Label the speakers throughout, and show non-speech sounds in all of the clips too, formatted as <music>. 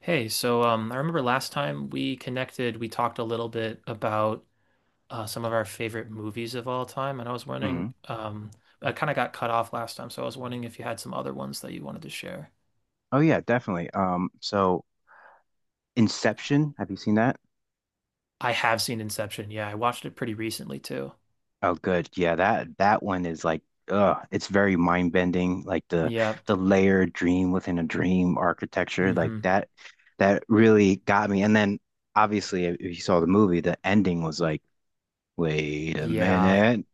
Speaker 1: Hey, so I remember last time we connected, we talked a little bit about some of our favorite movies of all time, and I was wondering,
Speaker 2: Hmm.
Speaker 1: I kind of got cut off last time, so I was wondering if you had some other ones that you wanted to share.
Speaker 2: Oh yeah, definitely. So Inception, have you seen that?
Speaker 1: I have seen Inception. Yeah, I watched it pretty recently too.
Speaker 2: Oh, good. Yeah, that one is like, it's very mind bending. Like the
Speaker 1: Yeah.
Speaker 2: the layered dream within a dream architecture, like
Speaker 1: Hmm.
Speaker 2: that really got me. And then obviously, if you saw the movie, the ending was like, wait a
Speaker 1: Yeah.
Speaker 2: minute.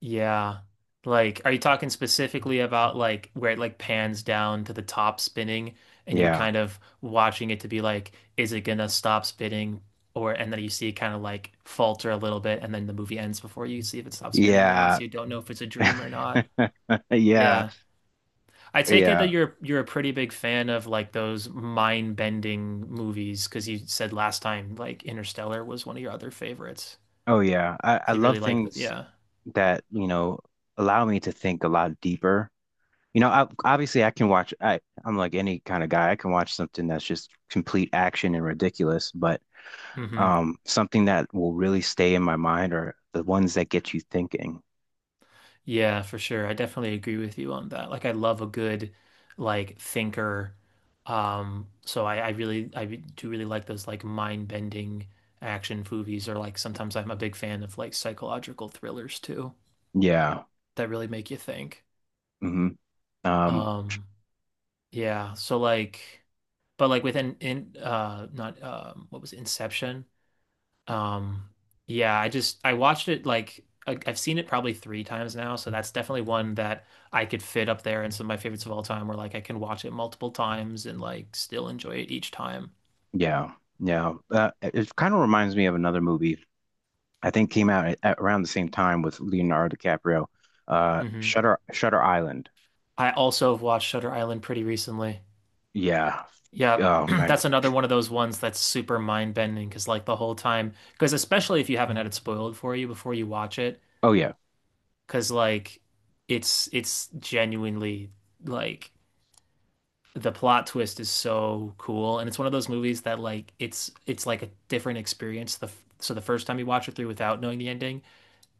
Speaker 1: Yeah. Like, are you talking specifically about like where it like pans down to the top spinning and you're
Speaker 2: Yeah,
Speaker 1: kind of watching it to be like, is it gonna stop spinning? Or and then you see it kind of like falter a little bit and then the movie ends before you see if it stops spinning or not,
Speaker 2: yeah,
Speaker 1: so you don't know if it's a dream or not.
Speaker 2: <laughs> yeah,
Speaker 1: Yeah. I take it that
Speaker 2: yeah.
Speaker 1: you're a pretty big fan of like those mind-bending movies because you said last time like Interstellar was one of your other favorites.
Speaker 2: Oh yeah, I
Speaker 1: So you
Speaker 2: love
Speaker 1: really like the,
Speaker 2: things
Speaker 1: yeah.
Speaker 2: that allow me to think a lot deeper. You know, I, obviously I can watch I'm like any kind of guy. I can watch something that's just complete action and ridiculous, but
Speaker 1: Mm-hmm.
Speaker 2: something that will really stay in my mind are the ones that get you thinking.
Speaker 1: Yeah, for sure. I definitely agree with you on that. Like I love a good like thinker. So I do really like those like mind-bending action movies or like sometimes I'm a big fan of like psychological thrillers too
Speaker 2: Yeah.
Speaker 1: that really make you think.
Speaker 2: Hmm. Um
Speaker 1: Um, yeah, so like but like within in not what was it, Inception? Um, yeah, I watched it like I've seen it probably three times now, so that's definitely one that I could fit up there in some of my favorites of all time, where like I can watch it multiple times and like still enjoy it each time.
Speaker 2: yeah. Yeah. It it kind of reminds me of another movie I think came out at around the same time with Leonardo DiCaprio. Uh
Speaker 1: Hmm.
Speaker 2: Shutter Shutter Island.
Speaker 1: I also have watched Shutter Island pretty recently.
Speaker 2: Yeah.
Speaker 1: Yeah, <clears throat>
Speaker 2: Oh my.
Speaker 1: that's another one of those ones that's super mind-bending because like the whole time, because especially if you haven't had it spoiled for you before you watch it,
Speaker 2: Oh yeah.
Speaker 1: because like it's genuinely like. The plot twist is so cool, and it's one of those movies that like it's like a different experience the so the first time you watch it through without knowing the ending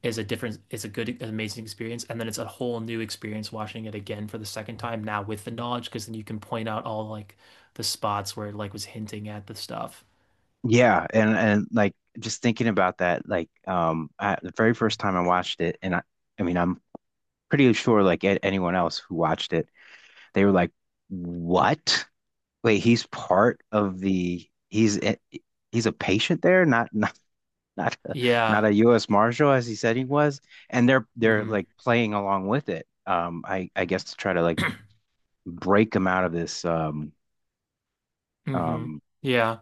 Speaker 1: is a different is a good an amazing experience, and then it's a whole new experience watching it again for the second time now with the knowledge because then you can point out all like the spots where it like was hinting at the stuff.
Speaker 2: Yeah, and like just thinking about that, like I, the very first time I watched it, and I mean, I'm pretty sure like anyone else who watched it, they were like "What? Wait, he's part of the he's a patient there, not <laughs> not not not
Speaker 1: Yeah.
Speaker 2: a U.S. Marshal as he said he was," and they're
Speaker 1: Mm-hmm.
Speaker 2: like playing along with it. I guess to try to like break him out of this.
Speaker 1: Mm-hmm.
Speaker 2: Um,
Speaker 1: Yeah.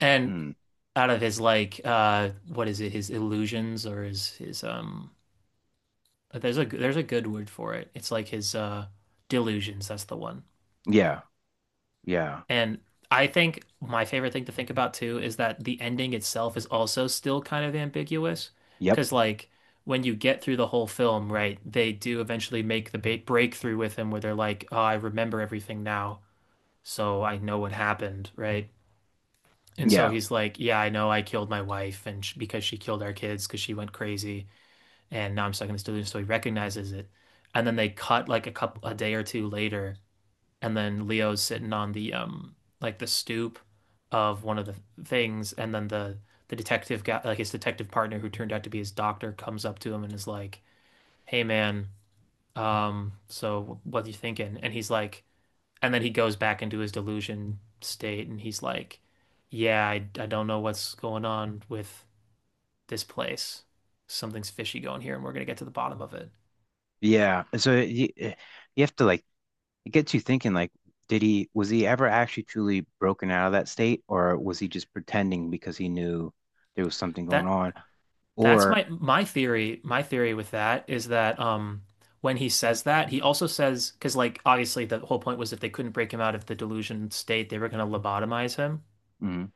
Speaker 1: And
Speaker 2: hmm.
Speaker 1: out of his like what is it, his illusions, or his but there's a good word for it. It's like his delusions, that's the one.
Speaker 2: Yeah, yeah,
Speaker 1: And I think my favorite thing to think about too is that the ending itself is also still kind of ambiguous
Speaker 2: yep,
Speaker 1: because like when you get through the whole film, right, they do eventually make the ba breakthrough with him where they're like, "Oh, I remember everything now, so I know what happened," right? And so
Speaker 2: yeah.
Speaker 1: he's like, "Yeah, I know I killed my wife and sh because she killed our kids because she went crazy. And now I'm stuck in this delusion." So he recognizes it, and then they cut like a couple a day or two later, and then Leo's sitting on the like the stoop of one of the things, and then the detective guy, like his detective partner, who turned out to be his doctor, comes up to him and is like, "Hey, man, so what are you thinking?" And he's like, and then he goes back into his delusion state, and he's like, "Yeah, I don't know what's going on with this place. Something's fishy going here, and we're gonna get to the bottom of it."
Speaker 2: Yeah. So you have to like it gets you thinking like did he was he ever actually truly broken out of that state or was he just pretending because he knew there was something going
Speaker 1: That
Speaker 2: on
Speaker 1: That's
Speaker 2: or
Speaker 1: my theory. My theory with that is that when he says that, he also says because like obviously the whole point was if they couldn't break him out of the delusion state, they were going to lobotomize him.
Speaker 2: mm,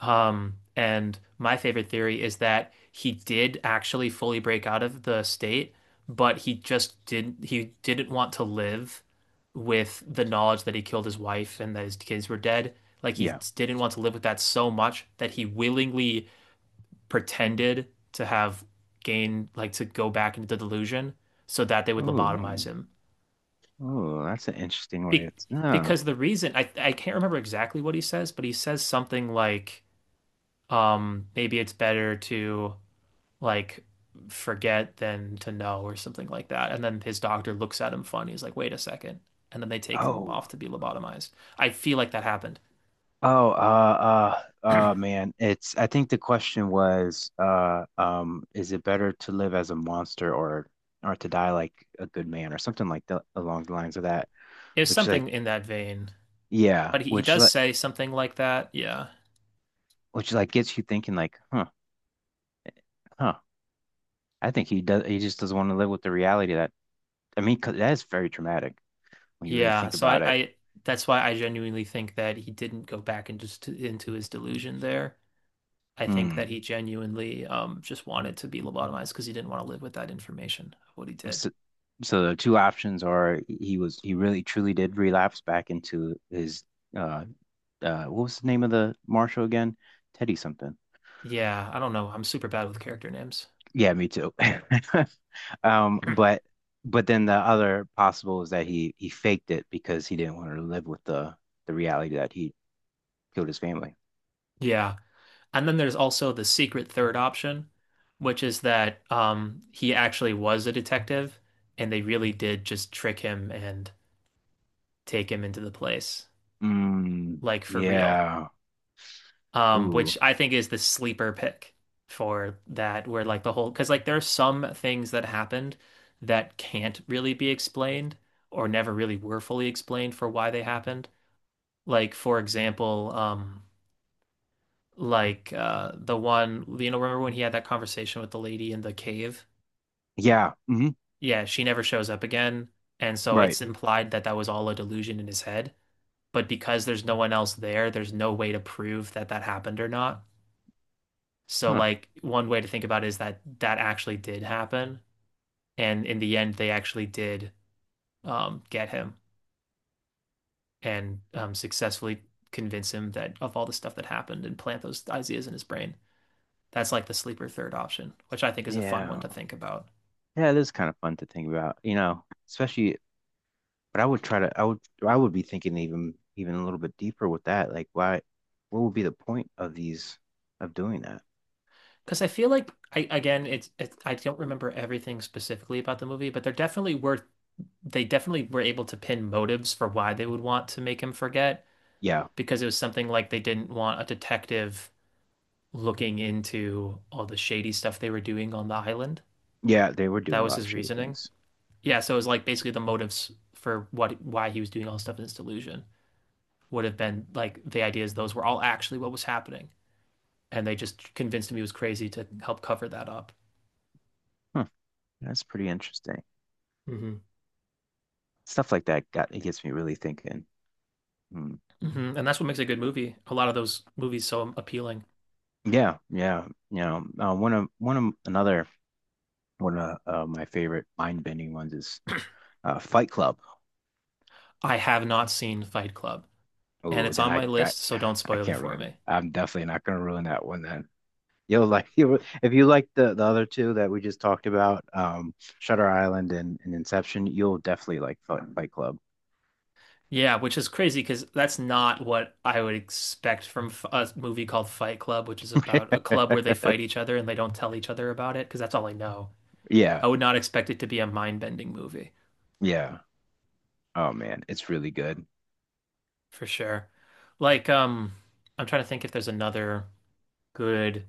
Speaker 1: And my favorite theory is that he did actually fully break out of the state, but he just didn't want to live with the knowledge that he killed his wife and that his kids were dead. Like he
Speaker 2: yeah.
Speaker 1: didn't want to live with that so much that he willingly pretended to have gained, like to go back into the delusion so that they would lobotomize
Speaker 2: Oh.
Speaker 1: him.
Speaker 2: Oh, that's an interesting way.
Speaker 1: Be
Speaker 2: It's no.
Speaker 1: because the reason I can't remember exactly what he says, but he says something like, maybe it's better to like forget than to know or something like that. And then his doctor looks at him funny. He's like, wait a second. And then they take him off
Speaker 2: Oh.
Speaker 1: to be lobotomized. I feel like that happened.
Speaker 2: Oh, man, it's I think the question was is it better to live as a monster or to die like a good man or something like that along the lines of that,
Speaker 1: It was
Speaker 2: which like
Speaker 1: something in that vein.
Speaker 2: yeah,
Speaker 1: But he does say something like that. Yeah.
Speaker 2: which like gets you thinking like, huh, huh. I think he does. He just doesn't want to live with the reality that I mean, 'cause that is very traumatic when you really
Speaker 1: Yeah,
Speaker 2: think
Speaker 1: so
Speaker 2: about it.
Speaker 1: I that's why I genuinely think that he didn't go back and just to, into his delusion there. I think that
Speaker 2: Hmm.
Speaker 1: he genuinely just wanted to be lobotomized because he didn't want to live with that information of what he did.
Speaker 2: So, so the two options are he was he really truly did relapse back into his uh what was the name of the marshal again? Teddy something.
Speaker 1: Yeah, I don't know. I'm super bad with character names.
Speaker 2: Yeah, me too. <laughs> Um,
Speaker 1: <clears throat>
Speaker 2: but but then the other possible is that he faked it because he didn't want to live with the reality that he killed his family.
Speaker 1: Yeah. And then there's also the secret third option, which is that he actually was a detective and they really did just trick him and take him into the place,
Speaker 2: Mm,
Speaker 1: like for real.
Speaker 2: yeah.
Speaker 1: Which
Speaker 2: Ooh.
Speaker 1: I think is the sleeper pick for that, where like the whole, because like there are some things that happened that can't really be explained or never really were fully explained for why they happened. Like, for example, the one, you know, remember when he had that conversation with the lady in the cave?
Speaker 2: Yeah. Hmm.
Speaker 1: Yeah, she never shows up again. And so
Speaker 2: Right.
Speaker 1: it's implied that that was all a delusion in his head. But because there's no one else there, there's no way to prove that that happened or not. So
Speaker 2: Huh.
Speaker 1: like one way to think about it is that that actually did happen, and in the end, they actually did get him and successfully convince him that of all the stuff that happened and plant those ideas in his brain. That's like the sleeper third option, which I think is a fun one to
Speaker 2: Yeah.
Speaker 1: think about.
Speaker 2: Yeah, it is kind of fun to think about, you know, especially, but I would try to, I would be thinking even, even a little bit deeper with that. Like, why, what would be the point of these, of doing that?
Speaker 1: Because I feel like I again, it's I don't remember everything specifically about the movie, but there definitely were they definitely were able to pin motives for why they would want to make him forget
Speaker 2: Yeah.
Speaker 1: because it was something like they didn't want a detective looking into all the shady stuff they were doing on the island.
Speaker 2: Yeah. They were
Speaker 1: That
Speaker 2: doing a
Speaker 1: was
Speaker 2: lot of
Speaker 1: his
Speaker 2: shady
Speaker 1: reasoning.
Speaker 2: things.
Speaker 1: Yeah, so it was like basically the motives for what why he was doing all this stuff in his delusion would have been like the ideas, those were all actually what was happening. And they just convinced him he was crazy to help cover that up.
Speaker 2: Huh. That's pretty interesting.
Speaker 1: Mhm.
Speaker 2: Stuff like that got, it gets me really thinking. Hmm.
Speaker 1: Hmm. And that's what makes a good movie. A lot of those movies so appealing.
Speaker 2: Yeah. Yeah. You know, one of another, one of my favorite mind-bending ones is Fight Club.
Speaker 1: I have not seen Fight Club, and
Speaker 2: Oh,
Speaker 1: it's
Speaker 2: then
Speaker 1: on my list, so don't
Speaker 2: I
Speaker 1: spoil it
Speaker 2: can't
Speaker 1: for
Speaker 2: ruin it.
Speaker 1: me.
Speaker 2: I'm definitely not gonna ruin that one then. You'll like <laughs> you if you like the other two that we just talked about, Shutter Island and Inception, you'll definitely like Fight Club.
Speaker 1: Yeah, which is crazy because that's not what I would expect from a movie called Fight Club, which is about a club where they
Speaker 2: <laughs>
Speaker 1: fight each other and they don't tell each other about it because that's all I know.
Speaker 2: Yeah,
Speaker 1: I would not expect it to be a mind-bending movie
Speaker 2: yeah. Oh man, it's really good.
Speaker 1: for sure. Like, I'm trying to think if there's another good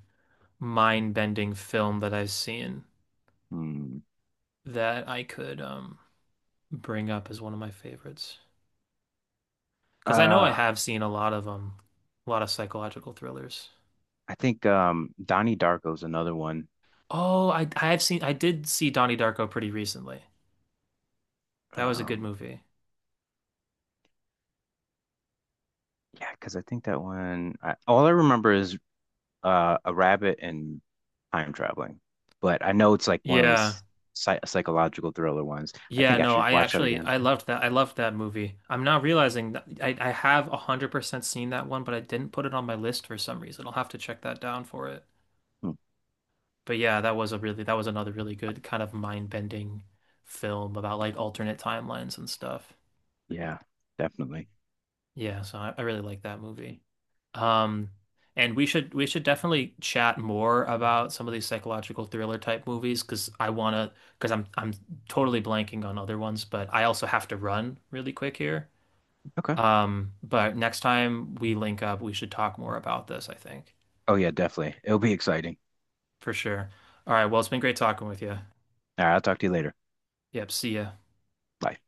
Speaker 1: mind-bending film that I've seen
Speaker 2: Hmm.
Speaker 1: that I could bring up as one of my favorites because I know I
Speaker 2: Uh,
Speaker 1: have seen a lot of psychological thrillers.
Speaker 2: I think Donnie Darko's another one.
Speaker 1: Oh, I did see Donnie Darko pretty recently. That was a good
Speaker 2: Um,
Speaker 1: movie.
Speaker 2: yeah, because I think that one I, all I remember is a rabbit and time traveling, but I know it's like one of
Speaker 1: Yeah.
Speaker 2: those psychological thriller ones. I
Speaker 1: Yeah,
Speaker 2: think I
Speaker 1: no,
Speaker 2: should
Speaker 1: I
Speaker 2: watch that
Speaker 1: actually
Speaker 2: again.
Speaker 1: I loved that. I loved that movie. I'm now realizing that I have 100% seen that one, but I didn't put it on my list for some reason. I'll have to check that down for it.
Speaker 2: Hmm.
Speaker 1: But yeah, that was another really good kind of mind-bending film about like alternate timelines and stuff.
Speaker 2: Yeah, definitely.
Speaker 1: Yeah, so I really like that movie. Um, and we should definitely chat more about some of these psychological thriller type movies because I wanna because I'm totally blanking on other ones, but I also have to run really quick here.
Speaker 2: Okay.
Speaker 1: But next time we link up, we should talk more about this, I think,
Speaker 2: Oh yeah, definitely. It'll be exciting.
Speaker 1: for sure. All right, well, it's been great talking with you.
Speaker 2: All right, I'll talk to you later.
Speaker 1: Yep, see ya.
Speaker 2: Bye.